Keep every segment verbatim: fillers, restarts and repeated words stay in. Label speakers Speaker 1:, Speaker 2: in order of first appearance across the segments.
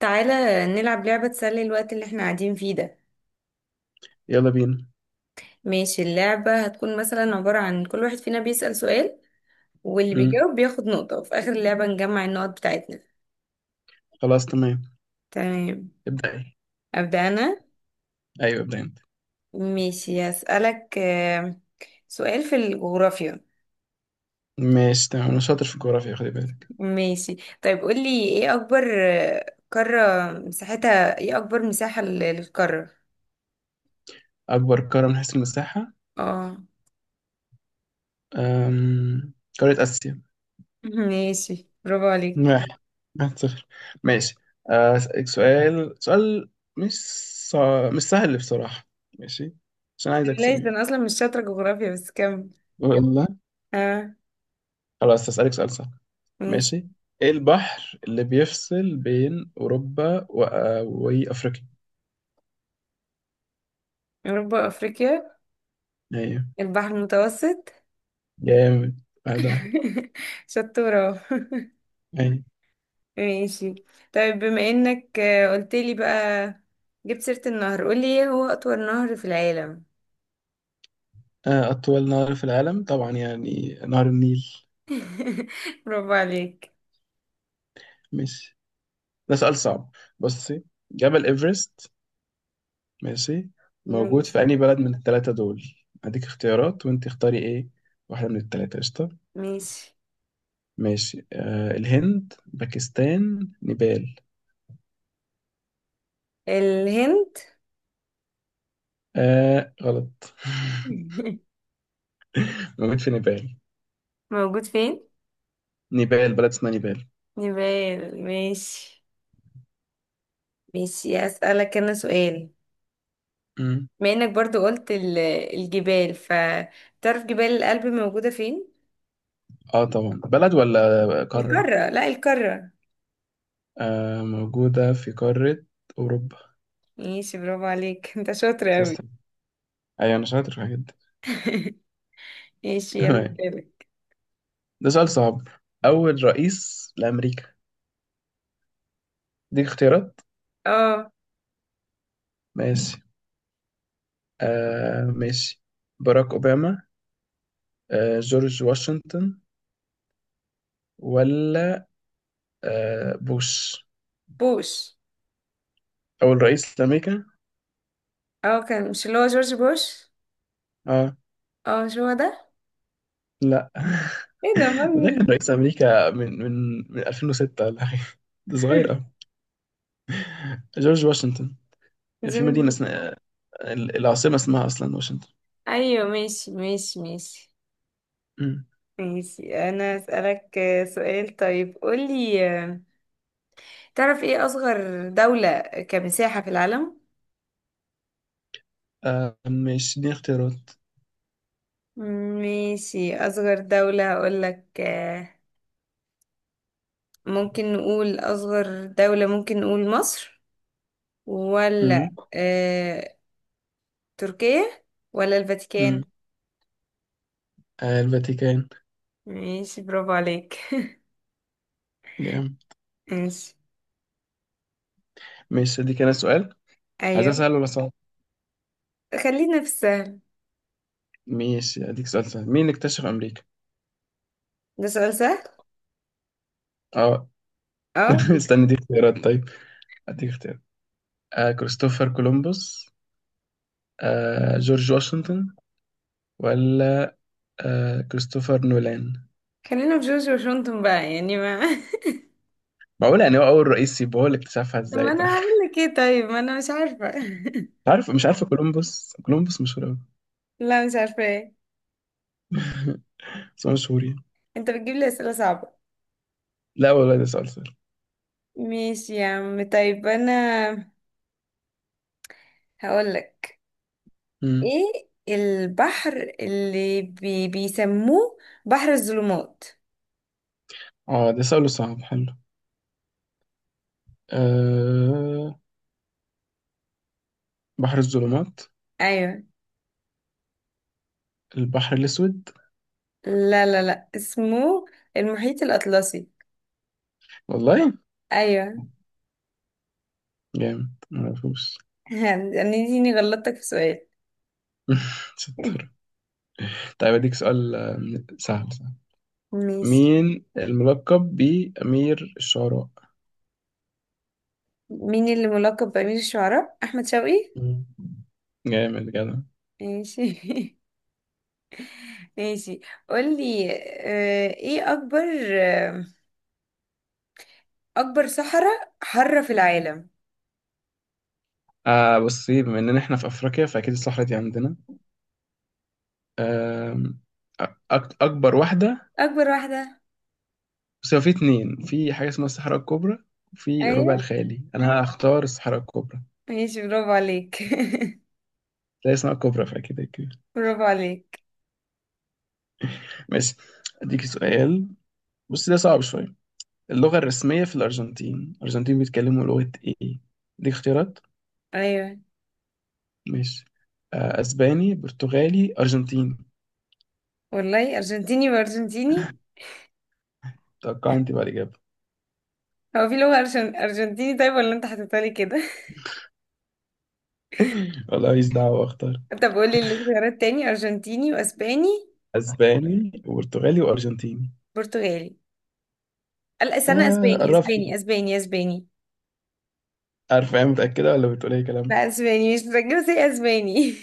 Speaker 1: تعالى نلعب لعبة تسلي الوقت اللي احنا قاعدين فيه ده.
Speaker 2: يلا بينا.
Speaker 1: ماشي، اللعبة هتكون مثلا عبارة عن كل واحد فينا بيسأل سؤال، واللي
Speaker 2: مم.
Speaker 1: بيجاوب بياخد نقطة وفي آخر اللعبة نجمع النقط بتاعتنا.
Speaker 2: خلاص تمام.
Speaker 1: تمام،
Speaker 2: ابدأي.
Speaker 1: أبدأ أنا.
Speaker 2: ايوه ابدأ انت.
Speaker 1: ماشي هسألك آه، سؤال في الجغرافيا.
Speaker 2: ماشي تمام، انا شاطر في الجغرافيا خلي بالك.
Speaker 1: ماشي، طيب قولي ايه أكبر آه، قارة مساحتها، ايه أكبر مساحة لل- للقارة؟
Speaker 2: اكبر قارة من حيث المساحة؟
Speaker 1: اه.
Speaker 2: أم... قارة اسيا.
Speaker 1: ماشي، برافو عليك.
Speaker 2: واحد، واحد صفر. ماشي، آه، اسالك سؤال سؤال مش صع... مش سهل بصراحة. ماشي، عشان عايز اكسب
Speaker 1: بلاش ده،
Speaker 2: يعني.
Speaker 1: أنا أصلا مش شاطرة جغرافيا بس كمل.
Speaker 2: والله
Speaker 1: اه.
Speaker 2: خلاص هسألك سؤال سهل.
Speaker 1: ماشي.
Speaker 2: ماشي، ايه البحر اللي بيفصل بين اوروبا و... وافريقيا؟
Speaker 1: أوروبا وأفريقيا.
Speaker 2: ايوه.
Speaker 1: البحر المتوسط.
Speaker 2: جامد. واحد واحد.
Speaker 1: شطورة.
Speaker 2: أيوة.
Speaker 1: ماشي، طيب بما إنك آه، قلتلي بقى، جبت سيرة النهر، قولي إيه هو أطول نهر في العالم؟
Speaker 2: آه، أطول نهر في العالم طبعا يعني نهر النيل.
Speaker 1: برافو عليك.
Speaker 2: ماشي، ده سؤال صعب. بصي، جبل إيفرست ماشي موجود
Speaker 1: ماشي.
Speaker 2: في أي بلد من التلاتة دول؟ هديك اختيارات وأنت اختاري إيه واحدة من التلاتة، قشطة.
Speaker 1: ماشي،
Speaker 2: ماشي، آه الهند، باكستان، نيبال.
Speaker 1: الهند.
Speaker 2: آه غلط. موجود في نيبال،
Speaker 1: موجود فين؟
Speaker 2: نيبال بلد اسمها نيبال.
Speaker 1: نيبال، ماشي. ماشي أسألك أنا سؤال،
Speaker 2: مم.
Speaker 1: بما إنك برضو قلت ال- الجبال، فتعرف جبال الألب موجودة فين؟
Speaker 2: اه طبعا، بلد ولا قارة؟
Speaker 1: القارة، لا القارة.
Speaker 2: آه موجودة في قارة أوروبا.
Speaker 1: ماشي، برافو عليك، انت شاطر اوي.
Speaker 2: بس أيوة، أنا شاطر في الحاجات دي.
Speaker 1: ماشي، يلا
Speaker 2: تمام،
Speaker 1: سألك.
Speaker 2: ده سؤال صعب. أول رئيس لأمريكا، دي اختيارات.
Speaker 1: اه،
Speaker 2: ماشي، آه ماشي، باراك أوباما، آه جورج واشنطن، ولا آه بوش؟
Speaker 1: بوش.
Speaker 2: أول رئيس لأمريكا.
Speaker 1: اه كان، مش اللي هو جورج بوش؟
Speaker 2: اه.
Speaker 1: اه مش هو ده.
Speaker 2: لا.
Speaker 1: ايه ده، امال
Speaker 2: ده كان
Speaker 1: مين؟
Speaker 2: رئيس أمريكا من من من ألفين وستة ولا حاجة، ده صغير أوي. جورج واشنطن، في
Speaker 1: جورج
Speaker 2: مدينة
Speaker 1: بوش.
Speaker 2: اسمها آه، ال- العاصمة اسمها أصلا واشنطن.
Speaker 1: ايوه ماشي ماشي ماشي.
Speaker 2: مم.
Speaker 1: ماشي انا اسالك آه، سؤال، طيب قولي آه، تعرف ايه اصغر دولة كمساحة في العالم؟
Speaker 2: آه ماشي، دي اختيارات.
Speaker 1: ماشي، اصغر دولة هقولك آه، ممكن نقول اصغر دولة، ممكن نقول مصر، ولا
Speaker 2: مم.
Speaker 1: تركيا، ولا
Speaker 2: مم.
Speaker 1: الفاتيكان؟
Speaker 2: آه، الفاتيكان.
Speaker 1: ماشي، برافو عليك.
Speaker 2: جامد.
Speaker 1: ماشي.
Speaker 2: ماشي، دي كان السؤال. عايز
Speaker 1: ايوه.
Speaker 2: اساله مثلا.
Speaker 1: خلينا في السهل.
Speaker 2: ماشي اديك سؤال سهل، مين اللي اكتشف امريكا؟
Speaker 1: ده سؤال سهل.
Speaker 2: اه.
Speaker 1: اه.
Speaker 2: استنى دي اختيارات طيب، اديك اختيارات. آه كريستوفر كولومبوس، آه جورج واشنطن، ولا آه كريستوفر نولان؟
Speaker 1: خلينا في جورج واشنطن بقى، يعني ما.
Speaker 2: معقول يعني هو اول رئيس يبقى هو اللي اكتشفها،
Speaker 1: طب
Speaker 2: ازاي
Speaker 1: ما انا
Speaker 2: طيب.
Speaker 1: هعمل لك ايه طيب، ما انا مش عارفه.
Speaker 2: عارف مش عارف، كولومبوس كولومبوس مشهور قوي.
Speaker 1: لا مش عارفه ايه.
Speaker 2: بس هو مشهور يعني.
Speaker 1: انت بتجيب لي اسئله صعبه.
Speaker 2: لا والله ده سؤال سهل.
Speaker 1: ماشي يا عم، طيب انا هقول لك.
Speaker 2: مم.
Speaker 1: ايه البحر اللي بي... بيسموه بحر الظلمات؟
Speaker 2: اه ده سؤال صعب حلو. آه بحر الظلمات،
Speaker 1: ايوه.
Speaker 2: البحر الاسود.
Speaker 1: لا لا لا، اسمه المحيط الاطلسي.
Speaker 2: والله.
Speaker 1: ايوه.
Speaker 2: جامد معرفوش.
Speaker 1: هتنيني غلطتك في سؤال.
Speaker 2: ستة. طيب أديك سؤال آه، سهل سهل.
Speaker 1: ماشي.
Speaker 2: مين الملقب بأمير الشعراء؟
Speaker 1: مين اللي ملقب بأمير الشعراء؟ أحمد شوقي.
Speaker 2: مم. جامد جدع.
Speaker 1: ماشي. ماشي، قولي آه، ايه أكبر، آه، أكبر صحراء حارة في العالم؟
Speaker 2: آه بصي، بما إننا إحنا في أفريقيا فأكيد الصحراء دي عندنا. آم، أك- أكبر واحدة.
Speaker 1: أكبر واحدة.
Speaker 2: بس هو في اتنين، في حاجة اسمها الصحراء الكبرى وفي ربع
Speaker 1: أيوة،
Speaker 2: الخالي، أنا هختار الصحراء الكبرى.
Speaker 1: ماشي برافو عليك.
Speaker 2: لا اسمها الكبرى فأكيد كده.
Speaker 1: برافو عليك.
Speaker 2: ماشي، أديك سؤال، بص ده صعب شوية. اللغة الرسمية في الأرجنتين، الأرجنتين بيتكلموا لغة إيه؟ أديك اختيارات.
Speaker 1: أيوة.
Speaker 2: ماشي، آه، اسباني، برتغالي، ارجنتيني.
Speaker 1: والله، أرجنتيني وأرجنتيني.
Speaker 2: توقع انت بقى الاجابه.
Speaker 1: هو في لغة أرجن... أرجنتيني؟ طيب ولا أنت حطيتها لي كده.
Speaker 2: والله ماليش دعوه، اختار.
Speaker 1: طب قولي الاختيارات تاني. أرجنتيني وأسباني.
Speaker 2: اسباني وبرتغالي وارجنتيني.
Speaker 1: برتغالي، لا استنى،
Speaker 2: آه
Speaker 1: اسباني اسباني
Speaker 2: قربت.
Speaker 1: اسباني اسباني.
Speaker 2: عارفه ايه، متاكده ولا بتقول اي كلام؟
Speaker 1: لا اسباني مش متذكرة، زي اسباني.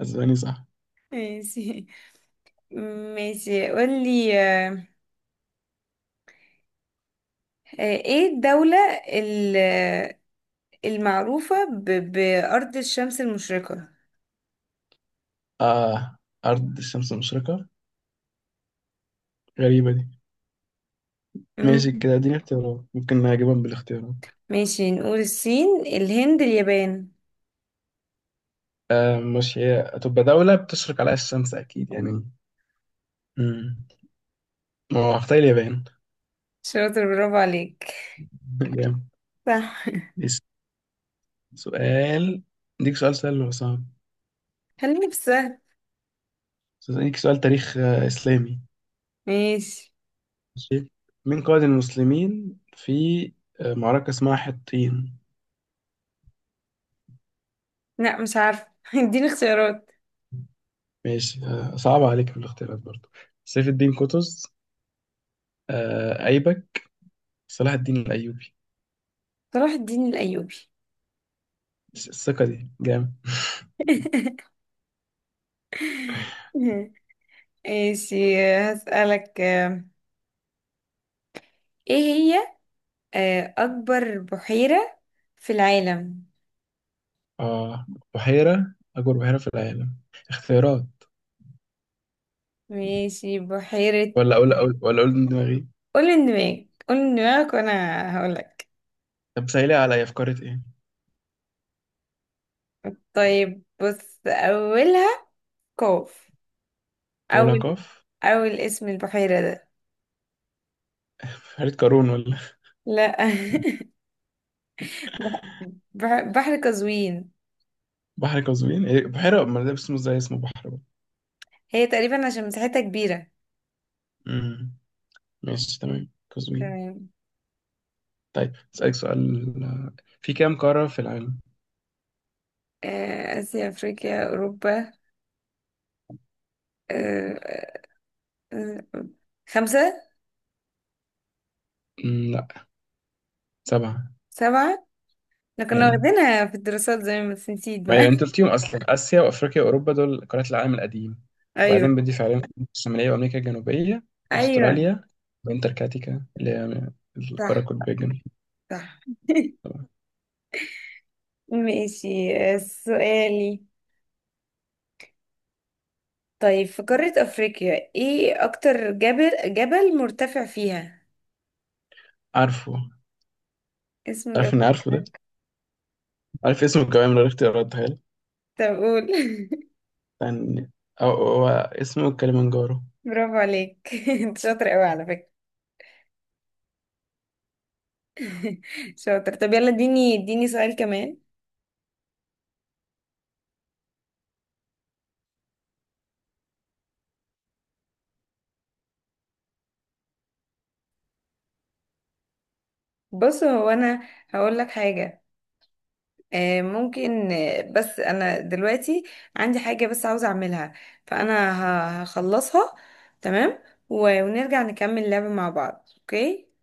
Speaker 2: اسباني صح.
Speaker 1: ماشي. ماشي قولي آه، آه، ايه الدولة ال- آه، المعروفة ب- بأرض الشمس المشرقة؟
Speaker 2: اه، ارض الشمس المشرقه، غريبه دي.
Speaker 1: مم.
Speaker 2: ماشي كده اديني اختيارات، ممكن نجيبهم بالاختيارات.
Speaker 1: ماشي، نقول الصين، الهند، اليابان.
Speaker 2: آه مش هي هتبقى دوله بتشرق عليها الشمس اكيد يعني. مم. ما هو هختار اليابان.
Speaker 1: شاطر، برافو عليك.
Speaker 2: جامد.
Speaker 1: صح.
Speaker 2: بس سؤال، اديك سؤال سهل ولا صعب؟
Speaker 1: خليني في السهل.
Speaker 2: أسألك سؤال تاريخ آه، إسلامي.
Speaker 1: ماشي.
Speaker 2: ماشي، مين قائد المسلمين في آه، معركة اسمها حطين؟
Speaker 1: لا مش عارفة، اديني اختيارات.
Speaker 2: ماشي آه، صعب عليك، في الاختيارات برضو سيف الدين قطز، آه، أيبك، صلاح الدين الأيوبي.
Speaker 1: صلاح الدين الأيوبي.
Speaker 2: الس- الثقة دي جامد.
Speaker 1: ماشي. هسألك آه، ايه هي آه، اكبر بحيرة في العالم؟
Speaker 2: آه بحيرة، أكبر بحيرة في العالم، اختيارات
Speaker 1: ماشي بحيرة.
Speaker 2: ولا أقول أقول ولا أقول من دماغي؟
Speaker 1: قول دماغك قول دماغك وانا هقولك.
Speaker 2: طب سهلي عليا، في قارة إيه؟
Speaker 1: طيب بص، اولها قاف.
Speaker 2: أقولها
Speaker 1: اول
Speaker 2: قاف.
Speaker 1: اول اسم البحيرة ده.
Speaker 2: بحيرة قارون، ولا
Speaker 1: لا. بح- بح- بحر قزوين.
Speaker 2: بحر قزوين؟ إيه، بحيرة ما ده اسمه زي اسمه بحر بقى.
Speaker 1: هي تقريبا عشان مساحتها كبيرة.
Speaker 2: مم. ماشي تمام، قزوين.
Speaker 1: تمام.
Speaker 2: طيب أسألك سؤال، في كام قارة في العالم؟
Speaker 1: آه، اسيا، افريقيا، اوروبا، آه، آه، خمسة.
Speaker 2: مم، لا، سبعة.
Speaker 1: سبعة. احنا كنا
Speaker 2: يعني
Speaker 1: واخدينها في الدراسات زي ما، بس نسيت
Speaker 2: ما
Speaker 1: بقى.
Speaker 2: هي أنت قلتيهم أصلا، آسيا وأفريقيا وأوروبا دول قارات العالم القديم،
Speaker 1: ايوه.
Speaker 2: وبعدين بضيف عليهم أمريكا الشمالية وأمريكا الجنوبية
Speaker 1: ايوه.
Speaker 2: وأستراليا وأنتاركتيكا اللي هي القارة
Speaker 1: صح.
Speaker 2: القطبية الجنوبية.
Speaker 1: صح.
Speaker 2: طبعا.
Speaker 1: ماشي. آه، سؤالي، طيب في قارة أفريقيا ايه أكتر جبل جبل مرتفع فيها؟
Speaker 2: عارفه.
Speaker 1: اسمه
Speaker 2: عارف إني
Speaker 1: جبل
Speaker 2: عارفه ده.
Speaker 1: إيه؟
Speaker 2: عارف اسمه كمان من غير اختيارات تخيل.
Speaker 1: طب قول.
Speaker 2: يعني هو هو اسمه كليمنجارو.
Speaker 1: برافو عليك. انت شاطر قوي على فكرة. شاطر، طب يلا اديني اديني سؤال كمان. بص هو انا هقول لك حاجة، آه، ممكن، آه، بس انا دلوقتي عندي حاجة بس عاوزة اعملها، فانا ه- هخلصها، تمام، و- ونرجع نكمل اللعبة مع بعض، اوكي؟